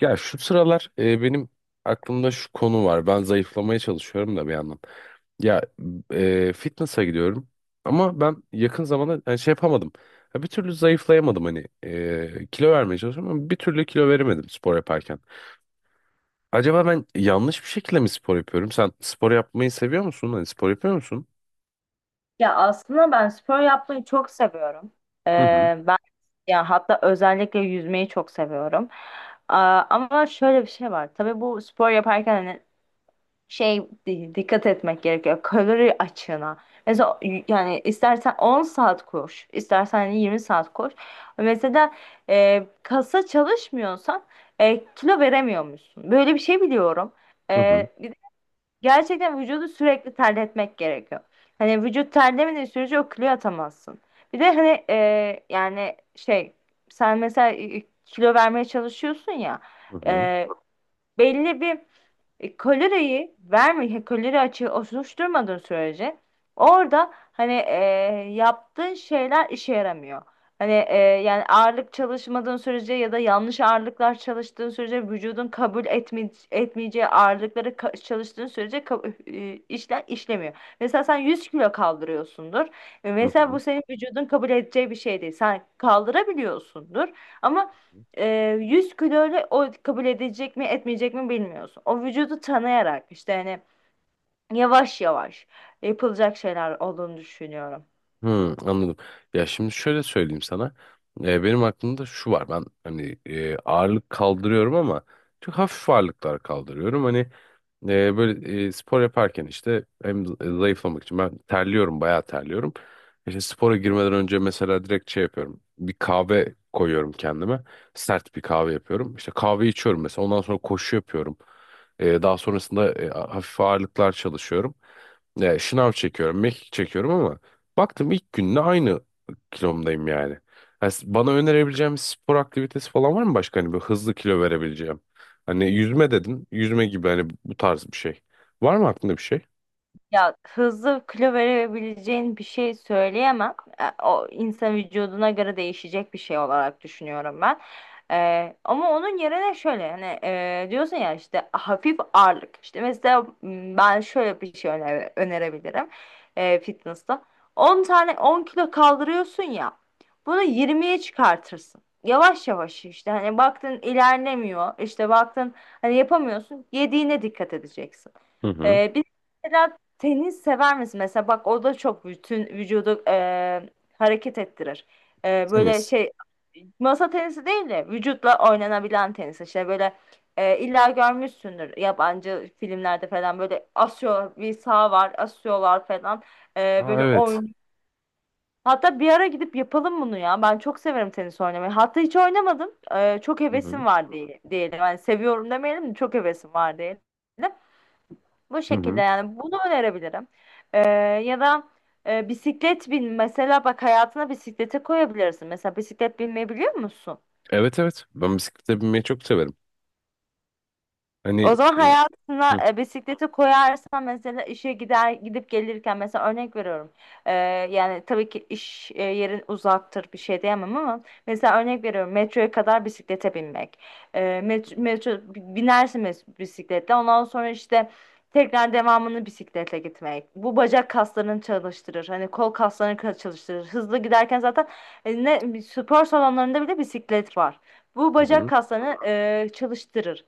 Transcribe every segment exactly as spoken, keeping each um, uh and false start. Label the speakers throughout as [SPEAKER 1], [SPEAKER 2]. [SPEAKER 1] Ya şu sıralar e, benim aklımda şu konu var. Ben zayıflamaya çalışıyorum da bir yandan. Ya e, fitness'a gidiyorum ama ben yakın zamanda yani şey yapamadım. Ya bir türlü zayıflayamadım hani e, kilo vermeye çalışıyorum ama bir türlü kilo veremedim spor yaparken. Acaba ben yanlış bir şekilde mi spor yapıyorum? Sen spor yapmayı seviyor musun? Hani spor yapıyor musun?
[SPEAKER 2] Ya aslında ben spor yapmayı çok seviyorum.
[SPEAKER 1] Hı hı.
[SPEAKER 2] Ee, ben Ya hatta özellikle yüzmeyi çok seviyorum. Aa, ama şöyle bir şey var. Tabii bu spor yaparken hani şey di- dikkat etmek gerekiyor. Kalori açığına. Mesela y- yani istersen on saat koş, istersen hani yirmi saat koş. Mesela e, kasa çalışmıyorsan e, kilo veremiyormuşsun. Böyle bir şey biliyorum.
[SPEAKER 1] Hı hı.
[SPEAKER 2] E, Gerçekten vücudu sürekli terletmek gerekiyor. Hani vücut terlemediği sürece o kiloyu atamazsın. Bir de hani, e, yani şey sen mesela e, kilo vermeye çalışıyorsun ya.
[SPEAKER 1] Hı hı.
[SPEAKER 2] e, Belli bir e, kaloriyi verme, kalori açığı oluşturmadığın sürece orada hani, e, yaptığın şeyler işe yaramıyor. Hani, e, yani ağırlık çalışmadığın sürece ya da yanlış ağırlıklar çalıştığın sürece vücudun kabul etme, etmeyeceği ağırlıkları ka- çalıştığın sürece ka- e, işler işlemiyor. Mesela sen yüz kilo kaldırıyorsundur. E, mesela
[SPEAKER 1] Hı
[SPEAKER 2] bu senin vücudun kabul edeceği bir şey değil. Sen kaldırabiliyorsundur ama
[SPEAKER 1] hı.
[SPEAKER 2] e, yüz kiloyla o kabul edecek mi etmeyecek mi bilmiyorsun. O vücudu tanıyarak işte hani yavaş yavaş yapılacak şeyler olduğunu düşünüyorum.
[SPEAKER 1] Hı, anladım. Ya şimdi şöyle söyleyeyim sana. Ee, benim aklımda şu var. Ben hani e, ağırlık kaldırıyorum ama çok hafif ağırlıklar kaldırıyorum. Hani e, böyle e, spor yaparken işte hem zayıflamak için ben terliyorum, bayağı terliyorum. İşte spora girmeden önce mesela direkt şey yapıyorum. Bir kahve koyuyorum kendime. Sert bir kahve yapıyorum. İşte kahve içiyorum mesela. Ondan sonra koşu yapıyorum. E, daha sonrasında e, hafif ağırlıklar çalışıyorum. E, şınav çekiyorum, mekik çekiyorum ama baktım ilk günde aynı kilomdayım yani. Yani s- bana önerebileceğim spor aktivitesi falan var mı başka hani bir hızlı kilo verebileceğim? Hani yüzme dedin. Yüzme gibi hani bu tarz bir şey. Var mı aklında bir şey?
[SPEAKER 2] Ya hızlı kilo verebileceğin bir şey söyleyemem. E, O insan vücuduna göre değişecek bir şey olarak düşünüyorum ben. E, ama onun yerine şöyle hani, e, diyorsun ya işte hafif ağırlık. İşte mesela, m, ben şöyle bir şey öne- önerebilirim e, fitness'ta. on tane on kilo kaldırıyorsun ya. Bunu yirmiye çıkartırsın. Yavaş yavaş işte hani baktın ilerlemiyor. İşte baktın hani yapamıyorsun. Yediğine dikkat edeceksin.
[SPEAKER 1] Hı hı.
[SPEAKER 2] E, bir Mesela tenis sever misin? Mesela bak o da çok bütün vücudu e, hareket ettirir. E, böyle
[SPEAKER 1] Tenis.
[SPEAKER 2] şey Masa tenisi değil de vücutla oynanabilen tenis. İşte böyle, e, illa görmüşsündür yabancı filmlerde falan böyle asıyor bir saha var asıyorlar falan. E,
[SPEAKER 1] Aa,
[SPEAKER 2] böyle
[SPEAKER 1] evet.
[SPEAKER 2] oyun. Hatta bir ara gidip yapalım bunu ya. Ben çok severim tenis oynamayı. Hatta hiç oynamadım. E, çok
[SPEAKER 1] Hı
[SPEAKER 2] hevesim
[SPEAKER 1] hı.
[SPEAKER 2] var diye, diyelim. Yani seviyorum demeyelim de çok hevesim var diyelim. Bu
[SPEAKER 1] Hı
[SPEAKER 2] şekilde
[SPEAKER 1] hı.
[SPEAKER 2] yani bunu önerebilirim. Ee, Ya da e, bisiklet bin. Mesela bak hayatına bisiklete koyabilirsin. Mesela bisiklet binmeyi biliyor musun?
[SPEAKER 1] Evet, evet. Ben bisiklete binmeyi çok severim. Hani
[SPEAKER 2] O zaman
[SPEAKER 1] e,
[SPEAKER 2] hayatına
[SPEAKER 1] hı
[SPEAKER 2] e, bisikleti koyarsan mesela işe gider gidip gelirken mesela örnek veriyorum. E, Yani tabii ki iş e, yerin uzaktır bir şey diyemem ama mesela örnek veriyorum metroya kadar bisiklete binmek. E, met- metro, binersin mes- bisikletle ondan sonra işte tekrar devamını bisikletle gitmek. Bu bacak kaslarını çalıştırır. Hani kol kaslarını ka- çalıştırır. Hızlı giderken zaten e, ne spor salonlarında bile bisiklet var. Bu bacak
[SPEAKER 1] hı.
[SPEAKER 2] kaslarını e, çalıştırır.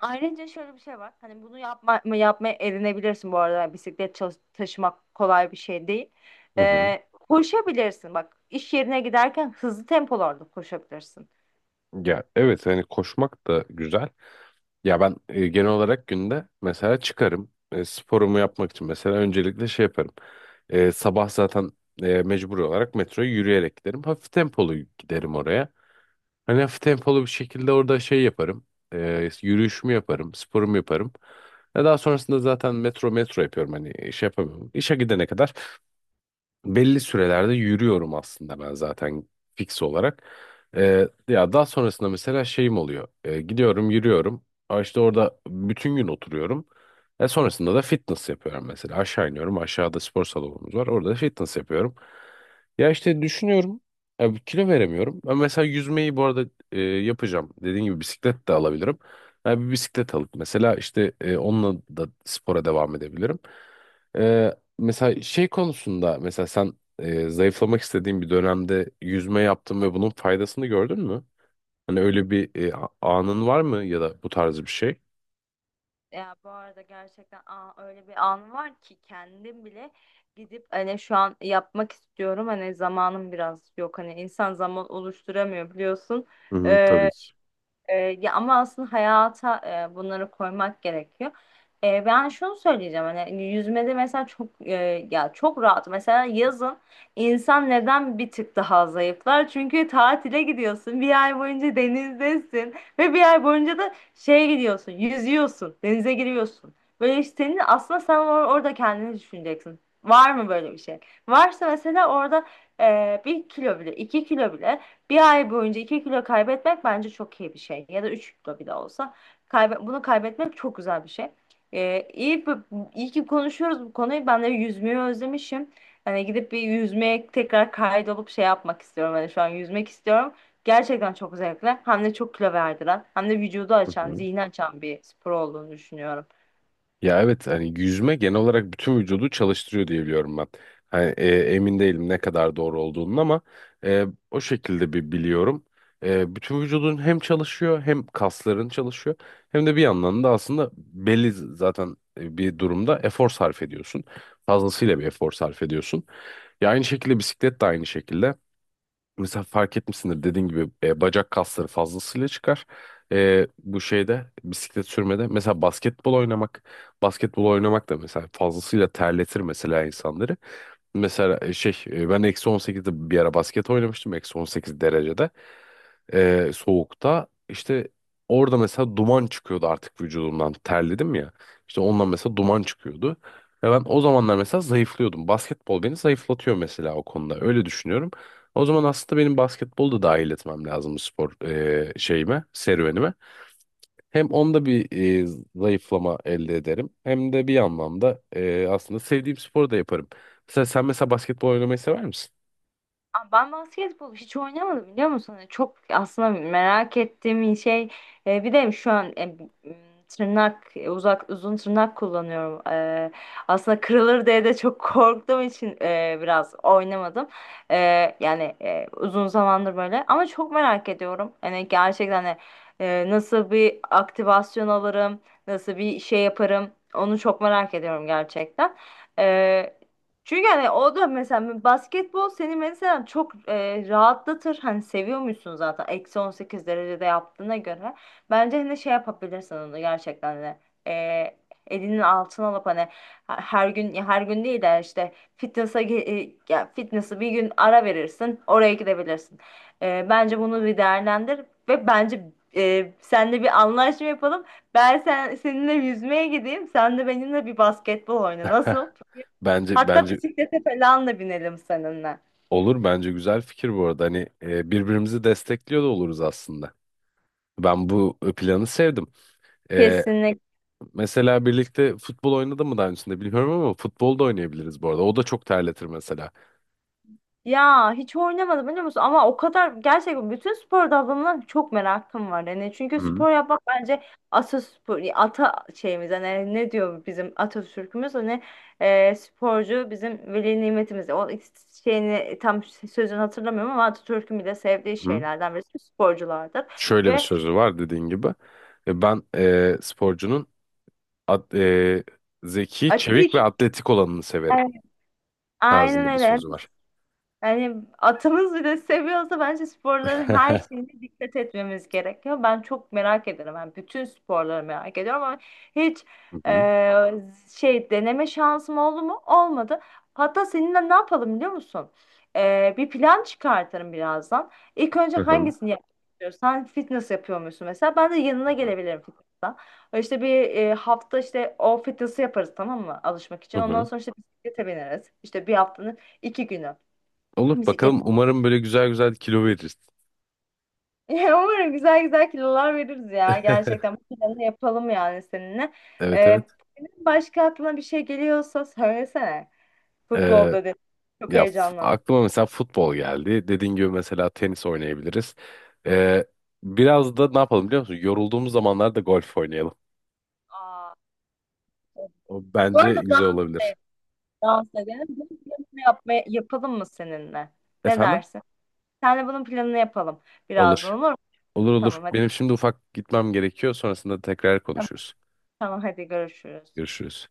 [SPEAKER 2] Ayrıca şöyle bir şey var. Hani bunu yapma, yapmaya edinebilirsin bu arada. Yani bisiklet çalış- taşımak kolay bir şey değil.
[SPEAKER 1] Hı hı.
[SPEAKER 2] Ee, koşabilirsin. Bak iş yerine giderken hızlı tempolarda koşabilirsin.
[SPEAKER 1] Ya evet, hani koşmak da güzel. Ya ben e, genel olarak günde mesela çıkarım. E, sporumu yapmak için mesela öncelikle şey yaparım. E, sabah zaten e, mecbur olarak metroya yürüyerek giderim. Hafif tempolu giderim oraya. Hani hafif tempolu bir şekilde orada şey yaparım. E, yürüyüşümü yaparım, sporumu yaparım. Ve daha sonrasında zaten metro metro yapıyorum. Hani şey yapamıyorum. İşe gidene kadar belli sürelerde yürüyorum aslında ben zaten fix olarak. Ee, ya daha sonrasında mesela şeyim oluyor. Ee, gidiyorum, yürüyorum. Aa, işte orada bütün gün oturuyorum. E, sonrasında da fitness yapıyorum mesela. Aşağı iniyorum. Aşağıda spor salonumuz var. Orada da fitness yapıyorum. Ya işte düşünüyorum. Ya bir kilo veremiyorum. Ben mesela yüzmeyi bu arada e, yapacağım. Dediğim gibi bisiklet de alabilirim. Ya bir bisiklet alıp mesela işte e, onunla da spora devam edebilirim. Mesela şey konusunda mesela sen e, zayıflamak istediğin bir dönemde yüzme yaptın ve bunun faydasını gördün mü? Hani öyle bir e, a- anın var mı ya da bu tarz bir şey?
[SPEAKER 2] Ya bu arada gerçekten, aa, öyle bir an var ki kendim bile gidip hani şu an yapmak istiyorum. Hani zamanım biraz yok. Hani insan zaman oluşturamıyor biliyorsun.
[SPEAKER 1] Hı hı,
[SPEAKER 2] Ee,
[SPEAKER 1] tabii ki.
[SPEAKER 2] E, ya ama aslında hayata e, bunları koymak gerekiyor. E, ben şunu söyleyeceğim hani, hani, yüzmede mesela çok, e, ya çok rahat mesela yazın insan neden bir tık daha zayıflar? Çünkü tatile gidiyorsun bir ay boyunca denizdesin ve bir ay boyunca da şeye gidiyorsun yüzüyorsun denize giriyorsun. Böyle işte senin aslında sen or- orada kendini düşüneceksin. Var mı böyle bir şey? Varsa mesela orada e, bir kilo bile iki kilo bile bir ay boyunca iki kilo kaybetmek bence çok iyi bir şey. Ya da üç kilo bile olsa. Kaybe bunu kaybetmek çok güzel bir şey. Ee, iyi, bu- iyi ki konuşuyoruz bu konuyu. Ben de yüzmeyi özlemişim. Hani gidip bir yüzmeye tekrar kaydolup şey yapmak istiyorum. Hani şu an yüzmek istiyorum. Gerçekten çok zevkli. Hem de çok kilo verdiren, hem de vücudu
[SPEAKER 1] Hı
[SPEAKER 2] açan,
[SPEAKER 1] hı.
[SPEAKER 2] zihni açan bir spor olduğunu düşünüyorum.
[SPEAKER 1] Ya evet, hani yüzme genel olarak bütün vücudu çalıştırıyor diye biliyorum ben. Hani, e, emin değilim ne kadar doğru olduğunun ama e, o şekilde bir biliyorum. E, bütün vücudun hem çalışıyor, hem kasların çalışıyor, hem de bir yandan da aslında belli z- zaten e, bir durumda efor sarf ediyorsun. Fazlasıyla bir efor sarf ediyorsun. Ya aynı şekilde bisiklet de aynı şekilde. Mesela fark etmişsindir, dediğin gibi e, bacak kasları fazlasıyla çıkar. E, bu şeyde bisiklet sürmede mesela basketbol oynamak, basketbol oynamak da mesela fazlasıyla terletir mesela insanları. Mesela e, şey e, ben eksi on sekizde bir ara basket oynamıştım, eksi on sekiz derecede e, soğukta. İşte orada mesela duman çıkıyordu artık vücudumdan. Terledim ya. İşte ondan mesela duman çıkıyordu. Ve ben o zamanlar mesela zayıflıyordum. Basketbol beni zayıflatıyor mesela o konuda. Öyle düşünüyorum. O zaman aslında benim basketbolu da dahil etmem lazım spor e, şeyime, serüvenime. Hem onda bir e, zayıflama elde ederim. Hem de bir anlamda e, aslında sevdiğim sporu da yaparım. Mesela sen mesela basketbol oynamayı sever misin?
[SPEAKER 2] Aa, Ben basketbol hiç oynamadım biliyor musun? Hani çok aslında merak ettiğim bir şey. E, bir de şu an, e, m, tırnak, e, uzak uzun tırnak kullanıyorum. E, aslında kırılır diye de çok korktuğum için e, biraz oynamadım. E, Yani, e, uzun zamandır böyle. Ama çok merak ediyorum. Hani gerçekten hani, e, nasıl bir aktivasyon alırım, nasıl bir şey yaparım. Onu çok merak ediyorum gerçekten. Ee, Çünkü hani o da mesela basketbol seni mesela çok e, rahatlatır. Hani seviyor musun zaten eksi on sekiz derecede yaptığına göre. Bence hani şey yapabilirsin onu gerçekten de. E, Elinin altına alıp hani her gün, ya her gün değil de işte fitness'a ge- e, ya fitness'ı bir gün ara verirsin. Oraya gidebilirsin. E, bence bunu bir değerlendir ve bence e, seninle bir anlaşma yapalım. Ben sen, seninle yüzmeye gideyim. Sen de benimle bir basketbol oyna.
[SPEAKER 1] Heh,
[SPEAKER 2] Nasıl?
[SPEAKER 1] bence
[SPEAKER 2] Hatta
[SPEAKER 1] bence
[SPEAKER 2] bisiklete falan da binelim seninle.
[SPEAKER 1] Olur, bence güzel fikir bu arada. Hani e, birbirimizi destekliyor da oluruz aslında. Ben bu e, planı sevdim. E,
[SPEAKER 2] Kesinlikle.
[SPEAKER 1] mesela birlikte futbol oynadı mı daha öncesinde bilmiyorum ama futbol da oynayabiliriz bu arada. O da çok terletir mesela.
[SPEAKER 2] Ya hiç oynamadım biliyor musun? Ama o kadar gerçekten bütün spor dallarından çok merakım var. Yani çünkü
[SPEAKER 1] Hı
[SPEAKER 2] spor yapmak bence, ataspor, ata şeyimiz hani ne diyor bizim Atatürk'ümüz hani, e, sporcu bizim veli nimetimiz. O şeyini tam sözünü hatırlamıyorum ama Atatürk'ün bile sevdiği
[SPEAKER 1] hı.
[SPEAKER 2] şeylerden birisi sporculardır.
[SPEAKER 1] Şöyle bir
[SPEAKER 2] Ve
[SPEAKER 1] sözü var, dediğin gibi. E, ben e, sporcunun at- e, zeki,
[SPEAKER 2] atik,
[SPEAKER 1] çevik ve atletik olanını severim
[SPEAKER 2] e, aynen
[SPEAKER 1] tarzında bir
[SPEAKER 2] öyle.
[SPEAKER 1] sözü var.
[SPEAKER 2] Yani atımız bile seviyorsa bence sporların her
[SPEAKER 1] Hı
[SPEAKER 2] şeyine dikkat etmemiz gerekiyor. Ben çok merak ederim. Ben bütün sporları merak ediyorum ama hiç, e,
[SPEAKER 1] hı.
[SPEAKER 2] şey deneme şansım oldu mu? Olmadı. Hatta seninle ne yapalım biliyor musun? E, bir plan çıkartırım birazdan. İlk önce
[SPEAKER 1] Hı hı.
[SPEAKER 2] hangisini yapmak istiyorsun? Sen fitness yapıyor musun mesela? Ben de yanına gelebilirim fitness'a. İşte bir, e, hafta işte o fitness'ı yaparız, tamam mı? Alışmak
[SPEAKER 1] Hı
[SPEAKER 2] için. Ondan
[SPEAKER 1] hı.
[SPEAKER 2] sonra işte bisiklete bineriz. İşte bir haftanın iki günü.
[SPEAKER 1] Olur
[SPEAKER 2] Bisiklet.
[SPEAKER 1] bakalım. Umarım böyle güzel güzel kilo veririz.
[SPEAKER 2] Umarım güzel güzel kilolar veririz ya. Gerçekten bu planı yapalım yani seninle.
[SPEAKER 1] Evet,
[SPEAKER 2] Ee,
[SPEAKER 1] evet.
[SPEAKER 2] Senin başka aklına bir şey geliyorsa söylesene.
[SPEAKER 1] Ee,
[SPEAKER 2] Futbolda dedi. Çok
[SPEAKER 1] Ya f-
[SPEAKER 2] heyecanlandım.
[SPEAKER 1] aklıma mesela futbol geldi. Dediğin gibi mesela tenis oynayabiliriz. Ee, Biraz da ne yapalım, biliyor musun? Yorulduğumuz zamanlarda golf oynayalım.
[SPEAKER 2] Aa, evet.
[SPEAKER 1] O
[SPEAKER 2] Bu
[SPEAKER 1] bence
[SPEAKER 2] arada
[SPEAKER 1] güzel
[SPEAKER 2] dans da-
[SPEAKER 1] olabilir.
[SPEAKER 2] dans edelim. Bunun planını yapmaya, yapalım mı seninle? Ne
[SPEAKER 1] Efendim?
[SPEAKER 2] dersin? Senle bunun planını yapalım birazdan,
[SPEAKER 1] Olur.
[SPEAKER 2] olur mu?
[SPEAKER 1] Olur, olur.
[SPEAKER 2] Tamam hadi.
[SPEAKER 1] Benim şimdi ufak gitmem gerekiyor. Sonrasında tekrar
[SPEAKER 2] Tamam,
[SPEAKER 1] konuşuruz.
[SPEAKER 2] tamam hadi görüşürüz.
[SPEAKER 1] Görüşürüz.